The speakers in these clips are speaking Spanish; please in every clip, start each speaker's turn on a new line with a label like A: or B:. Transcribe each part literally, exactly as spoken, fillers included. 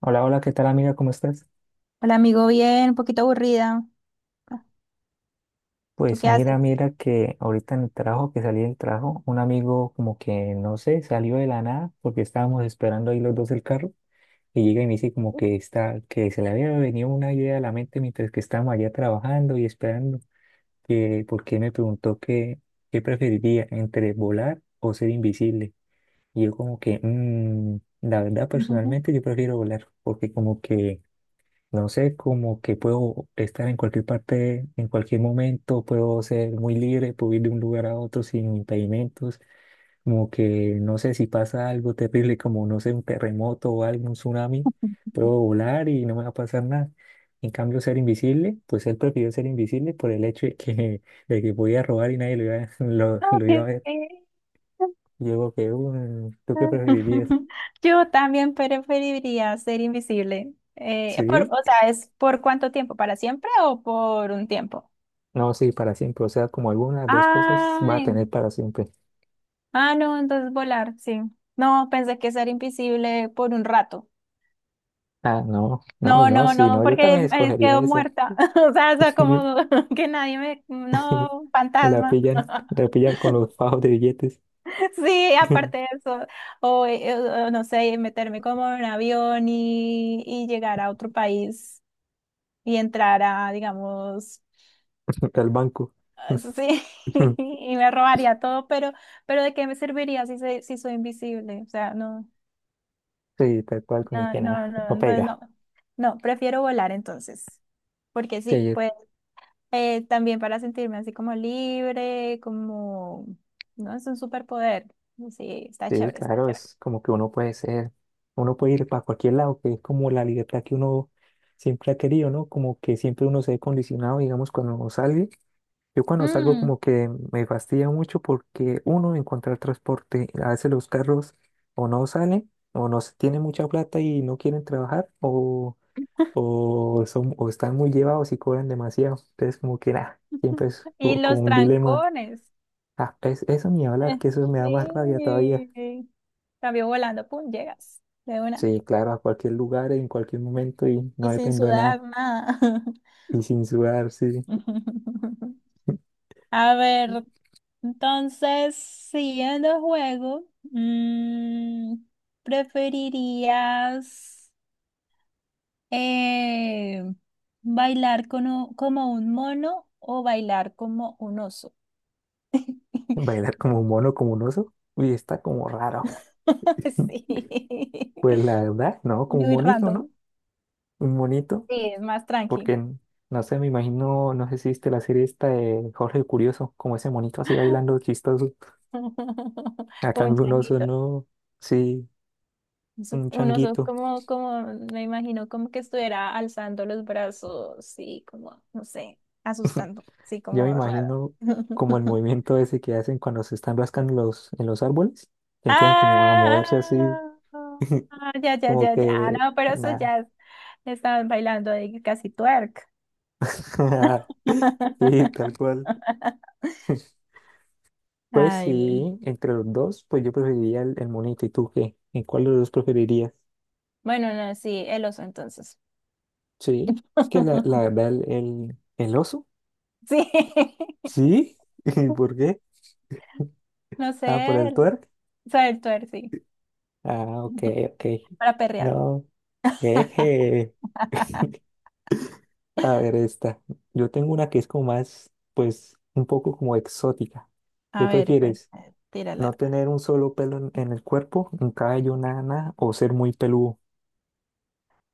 A: Hola, hola, ¿qué tal amiga? ¿Cómo estás?
B: Hola amigo, bien, un poquito aburrida. ¿Tú
A: Pues
B: qué haces?
A: mira, mira que ahorita en el trabajo, que salí del trabajo, un amigo como que, no sé, salió de la nada porque estábamos esperando ahí los dos el carro y llega y me dice como que está, que se le había venido una idea a la mente mientras que estábamos allá trabajando y esperando, que porque me preguntó que, qué preferiría entre volar o ser invisible. Y yo como que, "Mm, la verdad
B: Ujú.
A: personalmente yo prefiero volar porque como que... No sé, como que puedo estar en cualquier parte, en cualquier momento, puedo ser muy libre, puedo ir de un lugar a otro sin impedimentos, como que no sé si pasa algo terrible, como no sé, un terremoto o algo, un tsunami, puedo volar y no me va a pasar nada. En cambio, ser invisible, pues él prefirió ser invisible por el hecho de que, de que podía robar y nadie lo iba, a- lo,
B: No,
A: lo iba a
B: es
A: ver.
B: que-
A: Yo que, "Mm, ¿tú qué preferirías?
B: Yo también preferiría ser invisible. Eh, por,
A: Sí,
B: o sea, ¿es por cuánto tiempo? ¿Para siempre o por un tiempo?
A: no, sí, para siempre, o sea, como algunas dos cosas va a
B: Ay,
A: tener para siempre.
B: ah, no, entonces volar, sí. No, pensé que ser invisible por un rato.
A: Ah, no, no,
B: No,
A: no,
B: no,
A: sí,
B: no,
A: no, yo
B: porque
A: también
B: eh,
A: escogería
B: quedo
A: esa.
B: muerta. O sea, o sea, como que nadie me... No,
A: Me La
B: fantasma.
A: pillan, la pillan con los fajos de billetes
B: Sí, aparte de eso, o, eh, o no sé, meterme como en un avión y, y llegar a otro país y entrar a, digamos,
A: al banco.
B: ah, sí, y me robaría todo, pero, pero ¿de qué me serviría si, se si soy invisible? O sea, no,
A: Sí, tal cual, como
B: no,
A: que
B: no,
A: nada,
B: no,
A: no
B: entonces
A: pega.
B: no, no, prefiero volar entonces, porque sí,
A: Sí,
B: pues eh, también para sentirme así como libre, como, no, es un superpoder, sí, está
A: sí,
B: chévere, está
A: claro,
B: chévere.
A: es como que uno puede ser, uno puede ir para cualquier lado, que es como la libertad que uno siempre ha querido, ¿no? Como que siempre uno se ve condicionado, digamos, cuando sale. Yo cuando salgo como que me fastidia mucho porque uno, encontrar transporte, a veces los carros o no salen o no se- tienen mucha plata y no quieren trabajar o, o, son, o están muy llevados y cobran demasiado. Entonces como que nada, siempre es
B: Y
A: co- como
B: los
A: un dilema.
B: trancones.
A: Ah, es, eso ni
B: Eh,
A: hablar, que eso me da más rabia todavía.
B: Sí. Cambio volando, pum, llegas de una.
A: Sí, claro, a cualquier lugar, en cualquier momento y
B: Y
A: no
B: sin
A: dependo de
B: sudar
A: nada.
B: nada.
A: Y sin sudar, sí.
B: A ver, entonces, siguiendo el juego, mm, ¿preferirías eh, bailar con u- como un mono o bailar como un oso?
A: Bailar como un mono, como un oso. Uy, está como raro.
B: Sí.
A: Pues la verdad, no, como un
B: Muy
A: monito,
B: random.
A: ¿no? un monito,
B: Sí, es más
A: porque
B: tranqui.
A: n- no sé, me imagino, no sé si viste la serie esta de Jorge el Curioso, como ese monito así bailando chistoso. A
B: Como un
A: cambio un oso,
B: changuito.
A: no, sí,
B: Eso-
A: un
B: Un oso
A: changuito.
B: como, como, me imagino como que estuviera alzando los brazos, sí, como, no sé, asustando, sí,
A: Yo me
B: como raro.
A: imagino como el movimiento ese que hacen cuando se están rascando los, en los árboles, que empiezan como a
B: Ah,
A: moverse así,
B: ah, ya, ya,
A: como
B: ya, ya,
A: que
B: no, pero eso
A: nada.
B: ya es- estaban bailando ahí casi twerk.
A: Sí, tal cual. Pues
B: Ay, bueno.
A: sí, entre los dos, pues yo preferiría el, el monito. ¿Y tú qué? ¿En cuál de los dos preferirías?
B: Bueno, no, sí, el oso entonces.
A: Sí, es que la, la verdad, el, el, el oso.
B: Sí,
A: Sí, ¿y por qué?
B: no
A: Ah, por
B: sé,
A: el
B: el-
A: twerk.
B: o sea, el twerk, sí,
A: Ah, ok, ok.
B: para perrear.
A: No, jeje. A ver, esta. Yo tengo una que es como más, pues, un poco como exótica.
B: A
A: ¿Qué
B: ver, cuen-
A: prefieres?
B: tírala.
A: ¿No tener un solo pelo en, en el cuerpo, un cabello, nada, nada, o ser muy peludo?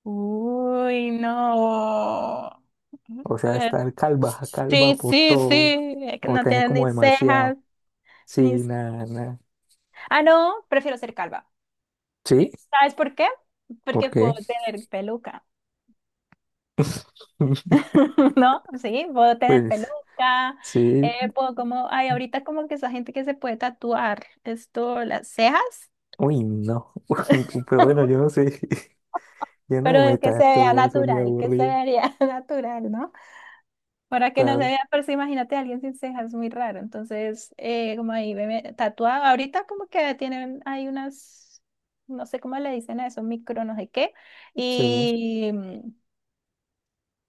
B: Uy, no.
A: O sea,
B: Eh,
A: estar calva, calva
B: Sí,
A: por
B: sí,
A: todo,
B: sí. Es que
A: o
B: no
A: tener
B: tienes
A: como
B: ni
A: demasiado.
B: cejas,
A: Sí,
B: ni... s-
A: nada, nada.
B: Ah, no, prefiero ser calva.
A: Sí,
B: ¿Sabes por qué? Porque
A: ¿por
B: puedo
A: qué?
B: tener peluca, ¿no? Sí, puedo tener
A: Pues.
B: peluca.
A: Sí,
B: Eh, puedo como, ay, ahorita como que esa gente que se puede tatuar esto, las cejas,
A: uy, no. Pero bueno, yo no sé, yo no me
B: pero que se vea
A: tatúo eso ni
B: natural, que se
A: aburrido,
B: vea natural, ¿no? Para que no se
A: Pablo.
B: vea, pero sí, imagínate a alguien sin cejas, muy raro. Entonces, eh, como ahí me tatuado, ahorita como que tienen, hay unas, no sé cómo le dicen a eso, micro no sé qué,
A: Sí,
B: y,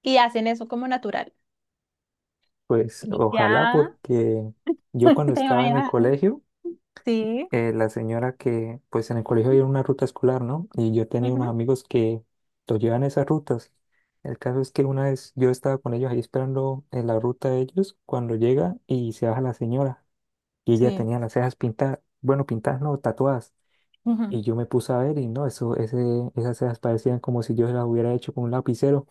B: y hacen eso como natural.
A: pues ojalá
B: Ya,
A: porque yo cuando
B: ¿te
A: estaba en el
B: imaginas?
A: colegio,
B: Sí.
A: eh, la señora que, pues en el colegio había una ruta escolar, ¿no? Y yo tenía unos
B: Ujú,
A: amigos que los llevan esas rutas. El caso es que una vez yo estaba con ellos ahí esperando en la ruta de ellos, cuando llega y se baja la señora y ella
B: sí.
A: tenía las cejas pintadas, bueno, pintadas no, tatuadas.
B: Ujú.
A: Y yo me puse a ver y no, eso, ese, esas cejas parecían como si yo las hubiera hecho con un lapicero.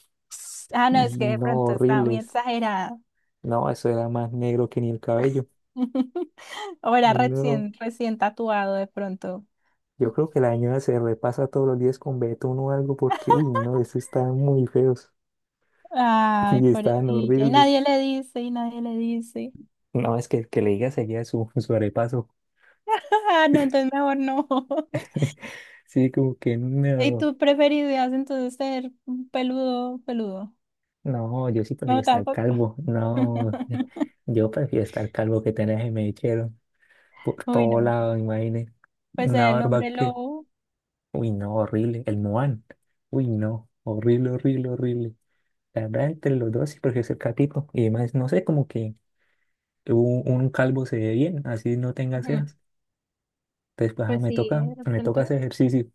B: Ah, no, es
A: Y
B: que de
A: no,
B: pronto estaba muy
A: horribles.
B: exagerada.
A: No, eso era más negro que ni el cabello.
B: O
A: Y
B: era
A: no,
B: recién, recién tatuado de pronto.
A: yo creo que la señora se repasa todos los días con betún o algo porque, uy, no, eso estaban muy feos
B: Ay,
A: y estaban
B: pobrecilla. Y nadie
A: horribles.
B: le dice, y nadie le dice.
A: No, es que el que le diga seguía su, su arepaso.
B: Ah, no, entonces mejor no.
A: Sí, como que
B: ¿Y
A: no,
B: tú preferirías entonces ser peludo, peludo?
A: no, yo sí prefiero
B: No,
A: estar
B: tampoco.
A: calvo. No, yo prefiero estar calvo que tener mechero por
B: Uy,
A: todo
B: no.
A: lado, imagínate.
B: Pues
A: Una
B: el
A: barba
B: hombre
A: que,
B: lobo.
A: uy, no, horrible. El Moan, uy, no, horrible, horrible, horrible. La verdad, entre los dos sí prefiero ser catito. Y además, no sé, como que un, un calvo se ve bien, así no tenga
B: Ujú.
A: cejas. Entonces, pues, ah,
B: Pues
A: me
B: sí,
A: toca,
B: de
A: me toca
B: pronto.
A: hacer ejercicio.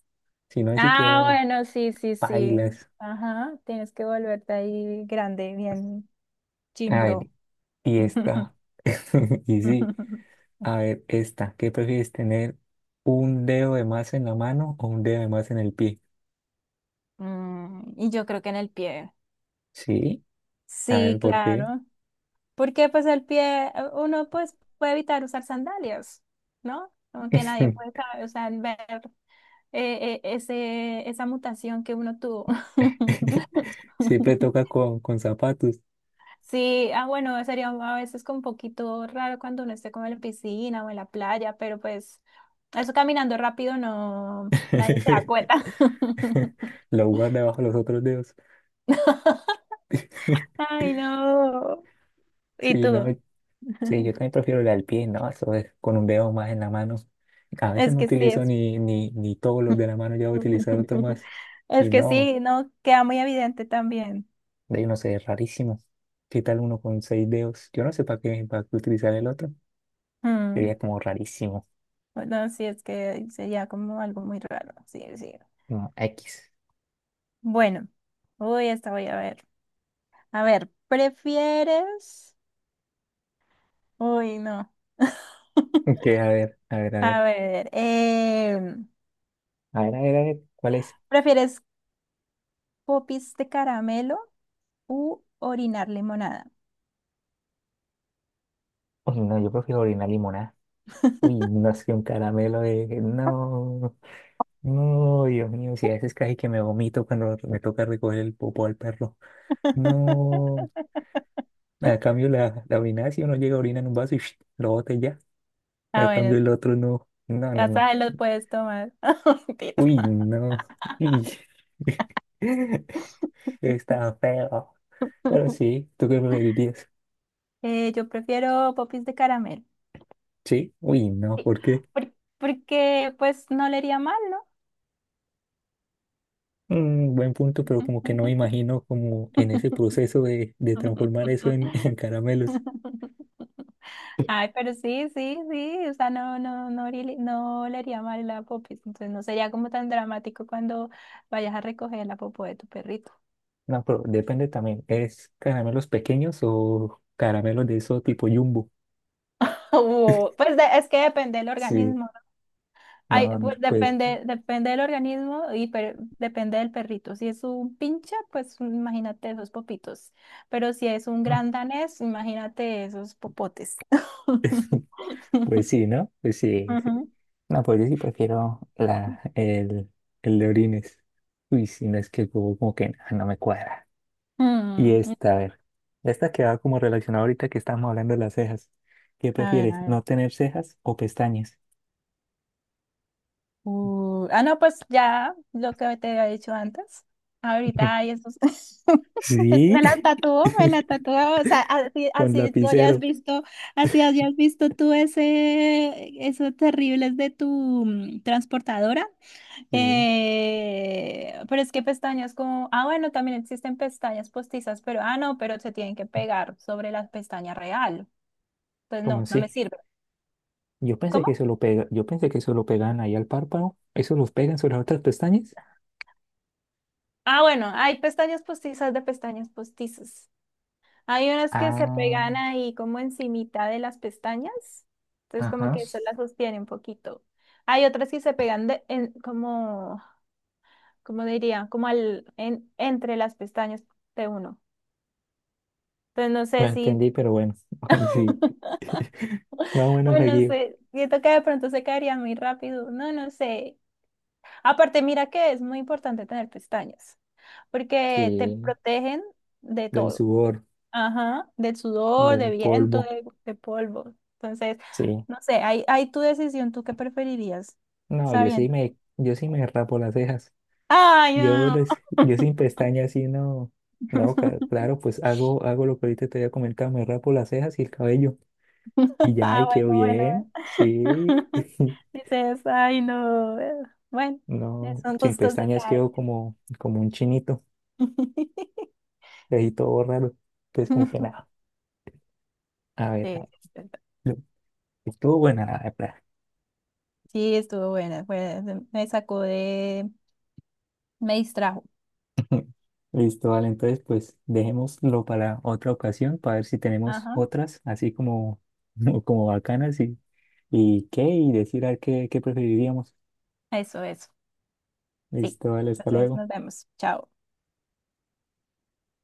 A: Si no, así
B: Ah,
A: quedo
B: bueno, sí, sí, sí.
A: pailas.
B: Ajá, tienes que volverte ahí grande, bien
A: A
B: chimbro.
A: ver, y esta, y sí, a ver, esta, ¿qué prefieres tener? ¿Un dedo de más en la mano o un dedo de más en el pie?
B: Mm, y yo creo que en el pie.
A: Sí, a ver,
B: Sí,
A: ¿por qué?
B: claro. Porque pues el pie, uno pues puede evitar usar sandalias, ¿no? Como que nadie puede saber, o sea, ver eh, eh, ese, esa mutación que uno tuvo.
A: Siempre toca con, con zapatos.
B: Sí, ah, bueno, sería a veces como un poquito raro cuando uno esté como en la piscina o en la playa, pero pues eso caminando rápido no, nadie se da cuenta.
A: Lo guarda bajo los otros dedos.
B: Ay, no. ¿Y
A: Sí, no,
B: tú?
A: sí, yo también prefiero la del pie, ¿no? Eso es con un dedo más en la mano. A veces
B: Es
A: no
B: que sí,
A: utilizo
B: es
A: ni, ni, ni todos los de la mano, ya voy a utilizar otro más. Y
B: es que
A: no,
B: sí, no queda muy evidente también.
A: de ahí no sé, es rarísimo. ¿Qué tal uno con seis dedos? Yo no sé para qué, para qué utilizar el otro.
B: Mm,
A: Sería como rarísimo.
B: Bueno, sí, es que sería como algo muy raro. Sí, sí.
A: Como X.
B: Bueno, uy, esta voy a ver. A ver, ¿prefieres? Uy, no.
A: Ok, a ver, a ver, a
B: A
A: ver.
B: ver, eh,
A: A ver, a ver, a ver. ¿Cuál es?
B: ¿prefieres popis de caramelo u orinar limonada?
A: Uy, no, yo prefiero orinar limonada. Uy, no es que un caramelo de... No, no, Dios mío, si a veces casi que me vomito cuando me toca recoger el popo al perro. No, a cambio la, la orina, si uno llega a orinar en un vaso y ¡sh! Lo bota y ya.
B: Ah,
A: A
B: bueno,
A: cambio el otro no, no, no,
B: ya
A: no.
B: sabes, los puedes tomar. Mentira.
A: Uy, no. Uy. Está feo. Pero sí, ¿tú qué preferirías?
B: Eh, yo prefiero popis de caramelo.
A: Sí, uy, no,
B: Sí,
A: ¿por qué?
B: por- porque pues no le haría mal, ¿no?
A: Mm, buen punto, pero como que no me imagino como en ese proceso de, de transformar eso en, en caramelos.
B: Ay, pero sí, sí, sí, o sea, no, no, no, haría- no le haría mal la popis, entonces no sería como tan dramático cuando vayas a recoger la popó de tu perrito.
A: No, pero depende también. ¿Es caramelos pequeños o caramelos de eso tipo jumbo?
B: O, pues de- es que depende del
A: Sí,
B: organismo. Ay,
A: no,
B: pues
A: pues,
B: depende, depende del organismo y per- depende del perrito. Si es un pincha, pues imagínate esos popitos. Pero si es un gran danés, imagínate esos popotes.
A: pues sí, ¿no? Pues sí, sí.
B: Ujú.
A: No, pues yo sí prefiero la, el, el de orines. Uy, si no es que como, como que no, no me cuadra. Y
B: Mm,
A: esta, a ver, esta que va como relacionada ahorita que estamos hablando de las cejas. ¿Qué
B: a ver,
A: prefieres,
B: a ver.
A: no tener cejas o pestañas?
B: Uh, ah, no, pues ya lo que te había dicho antes. Ahorita hay esos.
A: Sí,
B: Me la tatuó, me la tatuó. O sea, así,
A: con
B: así tú hayas
A: lapicero.
B: visto, así hayas visto tú ese, esos terribles de tu mm, transportadora.
A: Sí,
B: Eh, pero es que pestañas como. Ah, bueno, también existen pestañas postizas, pero ah, no, pero se tienen que pegar sobre la pestaña real. Pues
A: como
B: no, no me
A: así.
B: sirve.
A: Yo pensé
B: ¿Cómo?
A: que eso lo pega, yo pensé que eso lo pegan ahí al párpado. ¿Eso los pegan sobre las otras pestañas?
B: Ah, bueno, hay pestañas postizas de pestañas postizas. Hay unas que se
A: Ah,
B: pegan ahí como encimita de las pestañas, entonces como
A: ajá.
B: que eso las sostiene un poquito. Hay otras que se pegan de, en, como, como diría, como al, en, entre las pestañas de uno. Entonces no
A: Lo
B: sé si,
A: entendí, pero bueno. Sí, más o menos me
B: bueno, no
A: guío.
B: sé, siento que de pronto se caería muy rápido, no, no sé. Aparte, mira que es muy importante tener pestañas, porque te
A: Sí,
B: protegen de
A: del
B: todo.
A: sudor,
B: Ajá, del sudor, de
A: del
B: viento,
A: polvo.
B: de, de polvo. Entonces,
A: Sí.
B: no sé, hay, hay tu decisión, ¿tú qué preferirías?
A: No, yo sí
B: Sabiendo.
A: me, yo sí me rapo las cejas.
B: Ay,
A: Yo
B: no.
A: les, yo sin pestañas sí no. No, ca- claro, pues hago, hago lo que ahorita te había comentado, me rapo las cejas y el cabello. Y ya,
B: Ah,
A: y quedo
B: bueno, bueno.
A: bien.
B: Bueno.
A: Sí.
B: Dices, ay, no. Bueno,
A: No,
B: son
A: sin
B: gustos de
A: pestañas
B: cada
A: quedo como, como un chinito,
B: quien.
A: ahí todo raro. Pues como que nada, a ver,
B: Sí,
A: a-
B: sí, es verdad.
A: lo- estuvo buena la verdad.
B: Sí, estuvo buena. Fue- me sacó de, me distrajo.
A: Listo, vale, entonces pues dejémoslo para otra ocasión, para ver si tenemos
B: Ajá,
A: otras, así como, como bacanas y, y qué, y decir a ver qué, qué preferiríamos.
B: eso, eso. Sí.
A: Listo, vale, hasta
B: Entonces,
A: luego.
B: nos vemos. Chao.